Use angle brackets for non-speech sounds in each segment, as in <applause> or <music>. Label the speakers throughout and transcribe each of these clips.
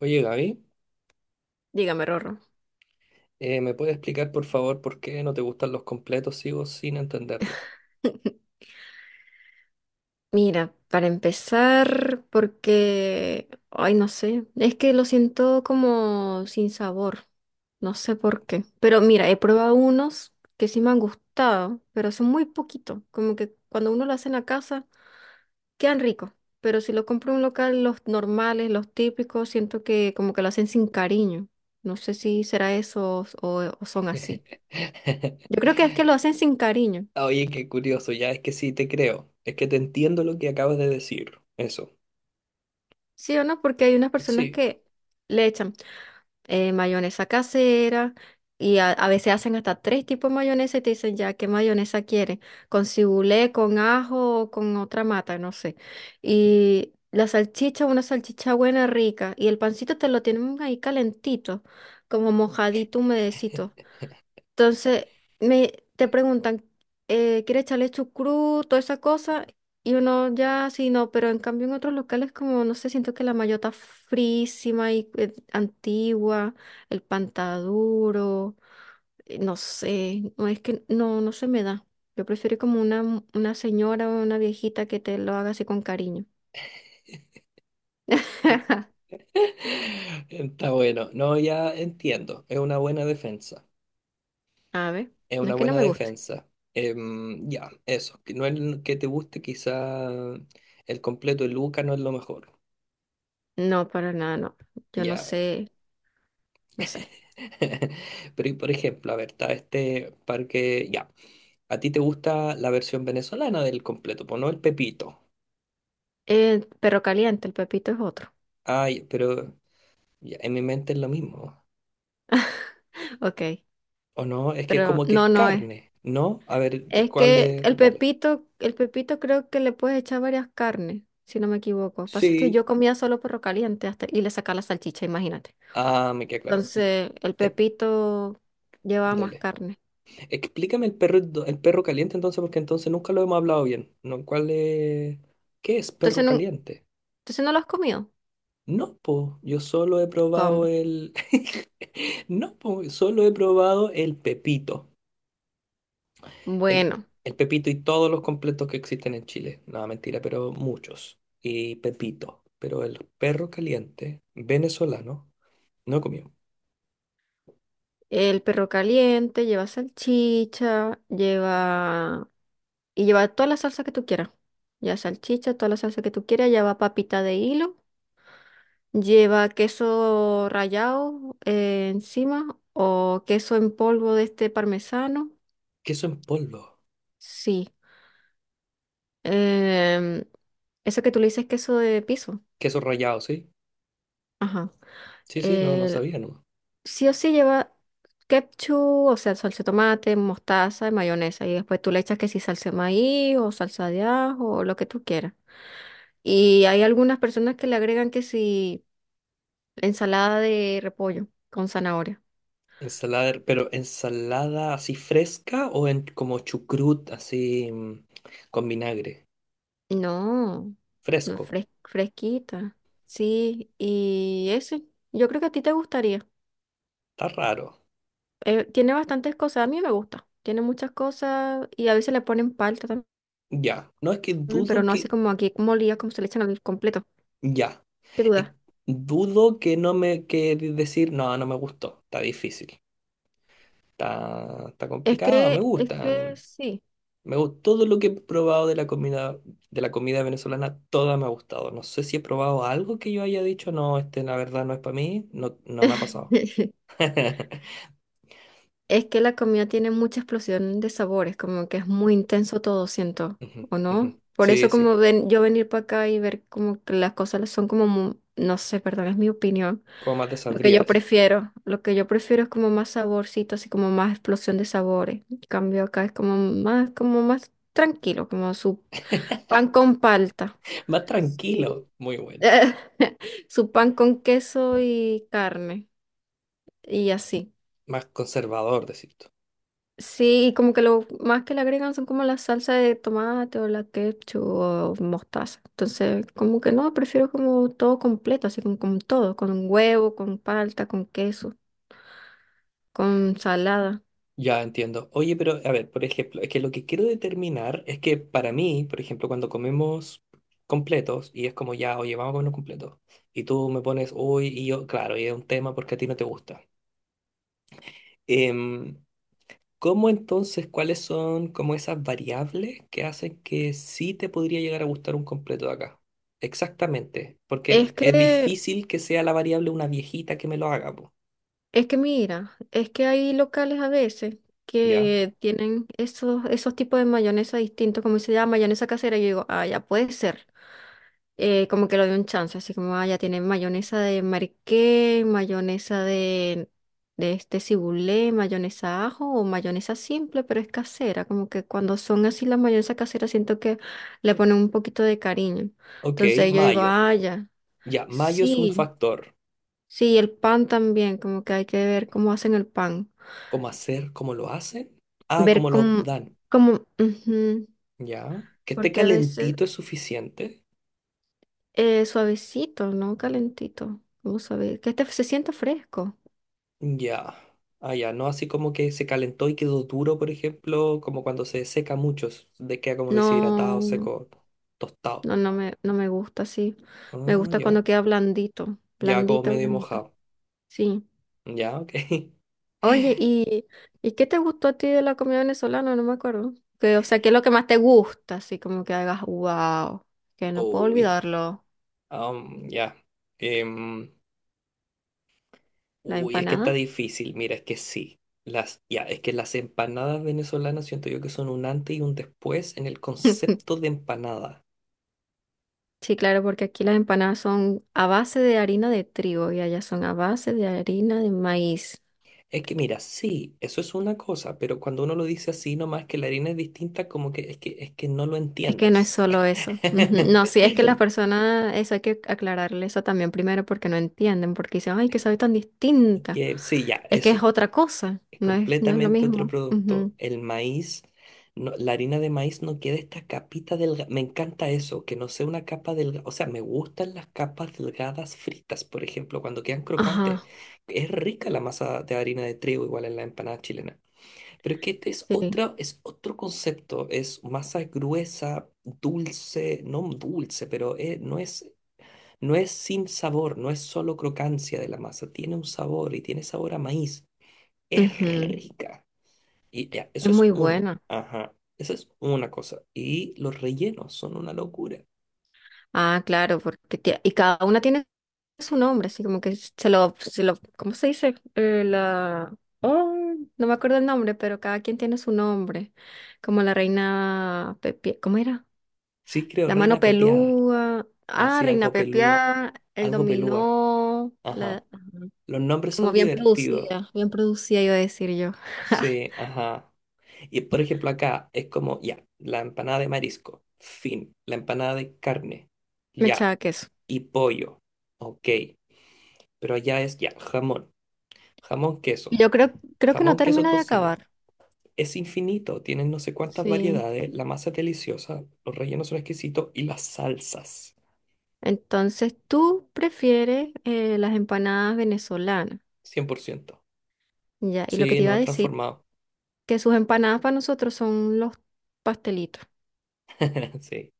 Speaker 1: Oye, Gaby,
Speaker 2: Dígame, Rorro.
Speaker 1: ¿me puedes explicar por favor por qué no te gustan los completos? Sigo sin entenderlo.
Speaker 2: <laughs> Mira, para empezar, porque, ay, no sé, es que lo siento como sin sabor, no sé por qué. Pero mira, he probado unos que sí me han gustado, pero son muy poquitos, como que cuando uno lo hace en la casa, quedan ricos. Pero si lo compro en un local, los normales, los típicos, siento que como que lo hacen sin cariño. No sé si será eso o son así. Yo
Speaker 1: <laughs>
Speaker 2: creo que es que lo hacen sin cariño,
Speaker 1: Oye, qué curioso, ya es que sí, te creo. Es que te entiendo lo que acabas de decir. Eso,
Speaker 2: ¿sí o no? Porque hay unas personas
Speaker 1: sí.
Speaker 2: que... Le echan mayonesa casera y a veces hacen hasta tres tipos de mayonesa y te dicen ya qué mayonesa quieren, con cibulé, con ajo o con otra mata, no sé. Y la salchicha, una salchicha buena, rica, y el pancito te lo tienen ahí calentito, como mojadito, humedecito. Entonces, te preguntan, ¿quieres echarle chucrut, toda esa cosa? Y uno ya, sí, no, pero en cambio en otros locales como, no sé, siento que la mayota frísima y antigua, el pantaduro, no sé, no es que no, no se me da. Yo prefiero como una señora o una viejita que te lo haga así con cariño. <laughs>
Speaker 1: <laughs> Está bueno. No, ya entiendo. Es una buena defensa.
Speaker 2: A ver,
Speaker 1: Es
Speaker 2: no
Speaker 1: una
Speaker 2: es que no
Speaker 1: buena
Speaker 2: me guste.
Speaker 1: defensa. Ya, eso. Que no es lo que te guste, quizá el completo de Luca no es lo mejor.
Speaker 2: No, para nada, no. Yo no
Speaker 1: Ya.
Speaker 2: sé, no sé.
Speaker 1: <laughs> Pero, y por ejemplo, a ver, está este parque, ya. A ti te gusta la versión venezolana del completo, pues no el Pepito.
Speaker 2: Perro caliente, el pepito es otro.
Speaker 1: Ay, pero ya, en mi mente es lo mismo.
Speaker 2: <laughs> Ok.
Speaker 1: ¿O no? Es que es
Speaker 2: Pero
Speaker 1: como que es
Speaker 2: no, no es.
Speaker 1: carne, ¿no? A ver, ¿de
Speaker 2: Es
Speaker 1: ¿cuál
Speaker 2: que
Speaker 1: es?
Speaker 2: el
Speaker 1: Dale.
Speaker 2: pepito, el pepito creo que le puedes echar varias carnes, si no me equivoco. Pasa es que yo
Speaker 1: Sí.
Speaker 2: comía solo perro caliente hasta, y le sacaba la salchicha, imagínate.
Speaker 1: Ah, me queda claro.
Speaker 2: Entonces, el
Speaker 1: Eh,
Speaker 2: pepito llevaba más
Speaker 1: dale.
Speaker 2: carne.
Speaker 1: Explícame el perro caliente entonces, porque entonces nunca lo hemos hablado bien. ¿No? ¿Cuál es? ¿Qué es
Speaker 2: Entonces
Speaker 1: perro
Speaker 2: no,
Speaker 1: caliente?
Speaker 2: entonces no lo has comido.
Speaker 1: No, po, yo solo he probado
Speaker 2: ¿Cómo?
Speaker 1: el... <laughs> No, po, solo he probado el Pepito. El,
Speaker 2: Bueno,
Speaker 1: el Pepito y todos los completos que existen en Chile. No, mentira, pero muchos. Y Pepito. Pero el perro caliente venezolano no comió.
Speaker 2: el perro caliente lleva salchicha, lleva y lleva toda la salsa que tú quieras. Ya salchicha, toda la salsa que tú quieras, lleva papita de hilo. Lleva queso rallado encima o queso en polvo de este parmesano.
Speaker 1: Queso en polvo.
Speaker 2: Sí. Em, eso que tú le dices queso de piso.
Speaker 1: Queso rallado, ¿sí?
Speaker 2: Ajá.
Speaker 1: Sí, sí, no, no
Speaker 2: El-
Speaker 1: sabía, ¿no?
Speaker 2: sí o sí lleva ketchup, o sea, salsa de tomate, mostaza y mayonesa. Y después tú le echas que si salsa de maíz o salsa de ajo o lo que tú quieras. Y hay algunas personas que le agregan que si ensalada de repollo con zanahoria.
Speaker 1: Pero ensalada así fresca o como chucrut con vinagre.
Speaker 2: No, no es
Speaker 1: Fresco.
Speaker 2: fresquita. Sí, y ese, yo creo que a ti te gustaría.
Speaker 1: Está raro.
Speaker 2: Tiene bastantes cosas, a mí me gusta. Tiene muchas cosas y a veces le ponen palta
Speaker 1: Ya, no es que
Speaker 2: también, pero
Speaker 1: dudo
Speaker 2: no así
Speaker 1: que,
Speaker 2: como aquí molida, como se le echan al completo.
Speaker 1: ya,
Speaker 2: ¿Qué
Speaker 1: Es-
Speaker 2: duda?
Speaker 1: dudo que no me, que de- decir, no, no me gustó, está difícil, está
Speaker 2: Es
Speaker 1: complicado, me
Speaker 2: que, es que
Speaker 1: gustan,
Speaker 2: sí.
Speaker 1: me gusta todo lo que he probado de la comida, venezolana, toda me ha gustado, no sé si he probado algo que yo haya dicho, no, la verdad no es para mí, no, no me ha pasado.
Speaker 2: <laughs>
Speaker 1: <laughs>
Speaker 2: Es que la comida tiene mucha explosión de sabores, como que es muy intenso todo, siento,
Speaker 1: Ujú,
Speaker 2: ¿o
Speaker 1: ujú.
Speaker 2: no? Por eso
Speaker 1: Sí,
Speaker 2: como
Speaker 1: sí,
Speaker 2: ven, yo venir para acá y ver como que las cosas son como, no sé, perdón, es mi opinión.
Speaker 1: como más te
Speaker 2: Lo que
Speaker 1: sabría
Speaker 2: yo
Speaker 1: decir,
Speaker 2: prefiero, lo que yo prefiero es como más saborcito, así como más explosión de sabores. En cambio acá es como más tranquilo, como su pan con palta,
Speaker 1: más
Speaker 2: su,
Speaker 1: tranquilo, muy bueno,
Speaker 2: <laughs> su pan con queso y carne y así.
Speaker 1: más conservador decir.
Speaker 2: Sí, y como que lo más que le agregan son como la salsa de tomate o la ketchup o mostaza. Entonces, como que no, prefiero como todo completo, así como con todo, con huevo, con palta, con queso, con salada.
Speaker 1: Ya entiendo. Oye, pero a ver, por ejemplo, es que lo que quiero determinar es que para mí, por ejemplo, cuando comemos completos y es como ya, oye, vamos a comer un completo y tú me pones, uy, y yo, claro, y es un tema porque a ti no te gusta. Em, ¿Cómo entonces, cuáles son como esas variables que hacen que sí te podría llegar a gustar un completo de acá? Exactamente, porque
Speaker 2: Es
Speaker 1: es
Speaker 2: que
Speaker 1: difícil que sea la variable una viejita que me lo haga, po,
Speaker 2: Es que mira, es que hay locales a veces
Speaker 1: ¿ya?
Speaker 2: que tienen esos tipos de mayonesa distintos, como se llama mayonesa casera, y yo digo, ah, ya puede ser. Como que lo doy un chance, así como, ah, ya tienen mayonesa de mariqué, mayonesa de este cibulé, mayonesa ajo o mayonesa simple, pero es casera. Como que cuando son así las mayonesas caseras siento que le ponen un poquito de cariño.
Speaker 1: Ok,
Speaker 2: Entonces yo digo,
Speaker 1: mayo.
Speaker 2: ah, ya,
Speaker 1: Ya, mayo es un
Speaker 2: sí.
Speaker 1: factor.
Speaker 2: Sí, el pan también, como que hay que ver cómo hacen el pan.
Speaker 1: ¿Cómo hacer? ¿Cómo lo hacen? Ah,
Speaker 2: Ver
Speaker 1: ¿cómo lo
Speaker 2: cómo,
Speaker 1: dan?
Speaker 2: como, ujú,
Speaker 1: Ya. Que esté
Speaker 2: porque a veces
Speaker 1: calentito es suficiente.
Speaker 2: suavecito, ¿no? Calentito, como suave, que este se sienta fresco.
Speaker 1: Ya. Ah, ya. No así como que se calentó y quedó duro, por ejemplo, como cuando se seca mucho, s- de queda como deshidratado,
Speaker 2: No,
Speaker 1: seco, tostado.
Speaker 2: no, no me no me gusta así. Me
Speaker 1: Ah,
Speaker 2: gusta
Speaker 1: ya.
Speaker 2: cuando queda blandito,
Speaker 1: Ya como
Speaker 2: blandito,
Speaker 1: medio
Speaker 2: blandito.
Speaker 1: mojado.
Speaker 2: Sí.
Speaker 1: Ya, ok.
Speaker 2: Oye, ¿y qué te gustó a ti de la comida venezolana? No me acuerdo. Que, o sea, ¿qué es lo que más te gusta? Así como que hagas, wow, que
Speaker 1: <laughs>
Speaker 2: no puedo
Speaker 1: Uy.
Speaker 2: olvidarlo.
Speaker 1: Ya. Em,
Speaker 2: La
Speaker 1: Uy, es que está
Speaker 2: empanada.
Speaker 1: difícil, mira, es que sí. Ya, es que las empanadas venezolanas siento yo que son un antes y un después en el
Speaker 2: <laughs>
Speaker 1: concepto de empanada.
Speaker 2: Sí, claro, porque aquí las empanadas son a base de harina de trigo y allá son a base de harina de maíz.
Speaker 1: Es que mira, sí, eso es una cosa, pero cuando uno lo dice así nomás que la harina es distinta, como que es que no lo
Speaker 2: Es que no es
Speaker 1: entiendes.
Speaker 2: solo eso. Ujú. No, sí, es que las
Speaker 1: <laughs>
Speaker 2: personas, eso hay que aclararle eso también primero porque no entienden, porque dicen, ay, que sabe tan distinta.
Speaker 1: Que sí, ya,
Speaker 2: Es que es
Speaker 1: eso.
Speaker 2: otra cosa,
Speaker 1: Es
Speaker 2: no es, no es lo
Speaker 1: completamente otro
Speaker 2: mismo. Ujú.
Speaker 1: producto. El maíz, la harina de maíz no queda esta capita delgada. Me encanta eso, que no sea una capa delgada. O sea, me gustan las capas delgadas fritas, por ejemplo, cuando quedan crocantes.
Speaker 2: Ajá,
Speaker 1: Es rica la masa de harina de trigo, igual en la empanada chilena. Pero es que este es
Speaker 2: sí.
Speaker 1: otra, es otro concepto. Es masa gruesa, dulce, no dulce, pero no es sin sabor, no es solo crocancia de la masa. Tiene un sabor y tiene sabor a maíz. Es
Speaker 2: Ujú.
Speaker 1: rica. Y ya,
Speaker 2: Es
Speaker 1: eso es
Speaker 2: muy
Speaker 1: una.
Speaker 2: buena.
Speaker 1: Ajá, esa es una cosa. Y los rellenos son una locura.
Speaker 2: Ah, claro, porque y cada una tiene su nombre, así como que se lo, ¿cómo se dice? No me acuerdo el nombre, pero cada quien tiene su nombre, como la reina Pepia, ¿cómo era?
Speaker 1: Sí, creo,
Speaker 2: La mano
Speaker 1: reina pepeada.
Speaker 2: pelúa,
Speaker 1: La
Speaker 2: ah,
Speaker 1: hacía
Speaker 2: reina
Speaker 1: algo pelúa.
Speaker 2: Pepia, el
Speaker 1: Algo pelúa.
Speaker 2: dominó, la,
Speaker 1: Ajá. Los nombres
Speaker 2: como
Speaker 1: son divertidos.
Speaker 2: bien producida iba a decir yo,
Speaker 1: Sí, ajá. Y por ejemplo acá es como, ya, la empanada de marisco. Fin. La empanada de carne.
Speaker 2: me
Speaker 1: Ya.
Speaker 2: echaba queso.
Speaker 1: Y pollo. Ok. Pero allá es ya, jamón. Jamón
Speaker 2: Y
Speaker 1: queso.
Speaker 2: yo creo que no
Speaker 1: Jamón queso
Speaker 2: termina de
Speaker 1: tocino.
Speaker 2: acabar,
Speaker 1: Es infinito, tienen no sé cuántas
Speaker 2: sí.
Speaker 1: variedades, la masa es deliciosa, los rellenos son exquisitos y las salsas,
Speaker 2: Entonces, tú prefieres las empanadas venezolanas,
Speaker 1: 100%.
Speaker 2: ya, y lo que
Speaker 1: Sí,
Speaker 2: te iba a
Speaker 1: no,
Speaker 2: decir
Speaker 1: transformado.
Speaker 2: que sus empanadas para nosotros son los pastelitos,
Speaker 1: <laughs> Sí,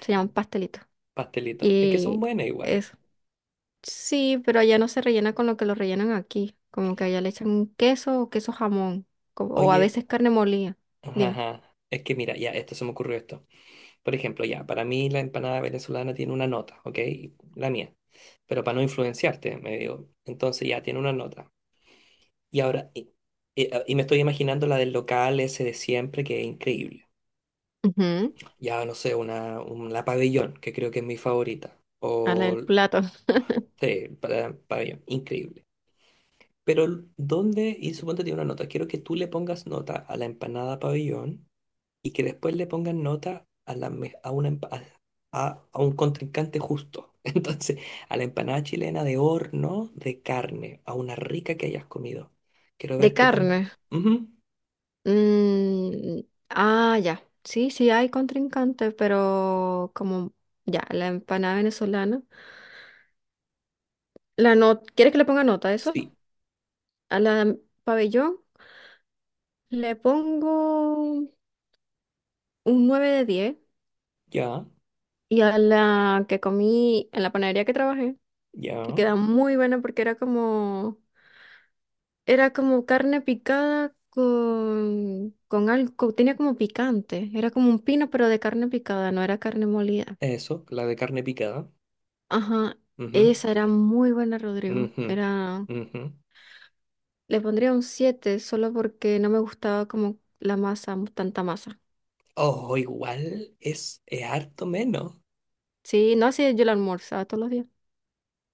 Speaker 2: se llaman pastelitos.
Speaker 1: pastelitos. Es que son
Speaker 2: Y
Speaker 1: buenas igual.
Speaker 2: eso. Sí, pero allá no se rellena con lo que lo rellenan aquí, como que allá le echan queso o queso jamón, o a
Speaker 1: Oye,
Speaker 2: veces carne molida.
Speaker 1: ajá,
Speaker 2: Dime.
Speaker 1: ajá, es que mira, ya, esto se me ocurrió esto. Por ejemplo, ya, para mí la empanada venezolana tiene una nota, ¿ok? La mía. Pero para no influenciarte, me digo, entonces ya tiene una nota. Y ahora, y me estoy imaginando la del local ese de siempre, que es increíble.
Speaker 2: Ujú.
Speaker 1: Ya no sé, la pabellón, que creo que es mi favorita.
Speaker 2: A la
Speaker 1: O,
Speaker 2: del plato.
Speaker 1: sí, para, pabellón, increíble. Pero, ¿dónde? Y suponte tiene una nota. Quiero que tú le pongas nota a la empanada pabellón y que después le pongas nota a, la, me- a, una, empa- a un contrincante justo. <laughs> Entonces, a la empanada chilena de horno de carne, a una rica que hayas comido. Quiero
Speaker 2: De
Speaker 1: ver qué tan.
Speaker 2: carne.
Speaker 1: Ujú,
Speaker 2: mm, ah, ya. Sí, sí hay contrincante, pero como ya, la empanada venezolana. La no- ¿Quieres que le ponga nota a eso?
Speaker 1: sí,
Speaker 2: A la pabellón le pongo un 9 de 10
Speaker 1: ya,
Speaker 2: y a la que comí en la panadería que trabajé, que
Speaker 1: ya.
Speaker 2: queda muy buena porque era como carne picada con algo, tenía como picante, era como un pino pero de carne picada, no era carne molida.
Speaker 1: Eso, la de carne picada.
Speaker 2: Ajá,
Speaker 1: Ujú.
Speaker 2: esa era muy buena, Rodrigo.
Speaker 1: Ujú,
Speaker 2: Era,
Speaker 1: ujú.
Speaker 2: le pondría un 7 solo porque no me gustaba como la masa, tanta masa.
Speaker 1: O igual es harto menos.
Speaker 2: Sí, no así yo la almorzaba todos los días.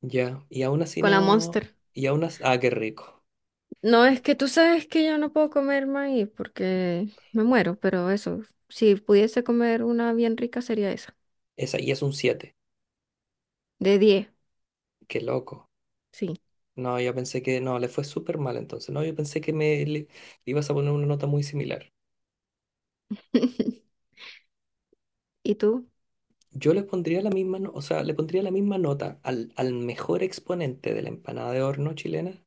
Speaker 1: Ya, y aún así
Speaker 2: Con la
Speaker 1: no.
Speaker 2: Monster.
Speaker 1: Y aún así. Ah, qué rico.
Speaker 2: No, es que tú sabes que yo no puedo comer maíz porque me muero, pero eso, si pudiese comer una bien rica sería esa.
Speaker 1: Esa, y es un siete.
Speaker 2: De 10,
Speaker 1: Qué loco.
Speaker 2: sí.
Speaker 1: No, yo pensé que. No, le fue súper mal entonces. No, yo pensé que le ibas a poner una nota muy similar.
Speaker 2: <laughs> ¿Y tú?
Speaker 1: Yo le pondría la misma. O sea, le pondría la misma nota al mejor exponente de la empanada de horno chilena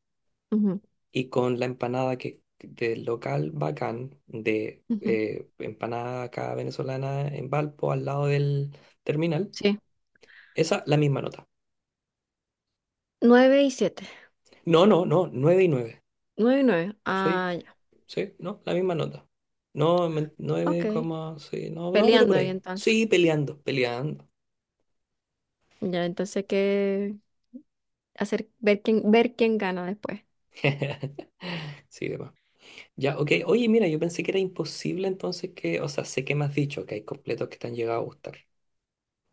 Speaker 2: Ujú,
Speaker 1: y con la empanada que del local Bacán, de
Speaker 2: ujú,
Speaker 1: empanada acá venezolana en Valpo, al lado del terminal,
Speaker 2: sí.
Speaker 1: esa la misma nota.
Speaker 2: 9 y siete.
Speaker 1: No, no, no, 9 y nueve.
Speaker 2: Nueve y 9.
Speaker 1: Sí,
Speaker 2: Ah, ya.
Speaker 1: sí, no, la misma nota. No,
Speaker 2: Ok.
Speaker 1: 9, coma, sí, no, no, pero
Speaker 2: Peleando
Speaker 1: por
Speaker 2: ahí
Speaker 1: ahí.
Speaker 2: entonces.
Speaker 1: Sí, peleando, peleando.
Speaker 2: Ya, entonces hay que hacer, ver quién gana después.
Speaker 1: <laughs> Sí, demás. Ya, ok. Oye, mira, yo pensé que era imposible entonces que, o sea, sé que me has dicho que hay completos que te han llegado a gustar.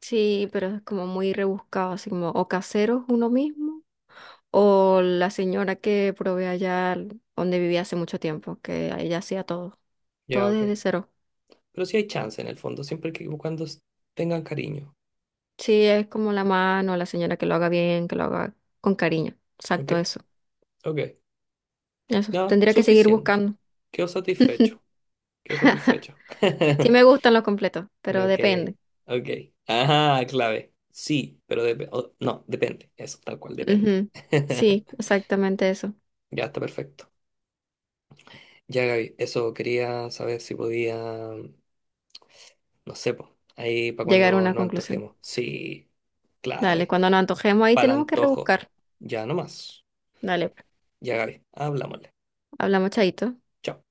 Speaker 2: Sí, pero es como muy rebuscado, así como o caseros uno mismo o la señora que provee allá donde vivía hace mucho tiempo, que ella hacía todo.
Speaker 1: Ya,
Speaker 2: Todo
Speaker 1: ok.
Speaker 2: desde cero.
Speaker 1: Pero sí hay chance en el fondo, siempre que cuando tengan cariño.
Speaker 2: Sí, es como la mano, la señora que lo haga bien, que lo haga con cariño.
Speaker 1: ¿Ok?
Speaker 2: Exacto, eso.
Speaker 1: Ok.
Speaker 2: Eso.
Speaker 1: Nada,
Speaker 2: Tendría que seguir
Speaker 1: suficiente.
Speaker 2: buscando.
Speaker 1: Quedo satisfecho. Quedo satisfecho.
Speaker 2: Sí
Speaker 1: <laughs>
Speaker 2: me gustan los completos, pero
Speaker 1: Ok.
Speaker 2: depende.
Speaker 1: Ok. Ajá, clave. Sí, pero no, depende. Eso, tal cual, depende.
Speaker 2: Ujú.
Speaker 1: <laughs>
Speaker 2: Sí, exactamente eso.
Speaker 1: Ya está perfecto. Ya, Gaby, eso quería saber si podía, no sé, po, ahí para
Speaker 2: Llegar a
Speaker 1: cuando
Speaker 2: una
Speaker 1: nos
Speaker 2: conclusión.
Speaker 1: antojemos. Sí,
Speaker 2: Dale,
Speaker 1: clave.
Speaker 2: cuando nos antojemos ahí
Speaker 1: Para el
Speaker 2: tenemos que
Speaker 1: antojo.
Speaker 2: rebuscar.
Speaker 1: Ya nomás.
Speaker 2: Dale, pues.
Speaker 1: Ya, Gaby, hablámosle.
Speaker 2: Hablamos, chaito.
Speaker 1: Chao.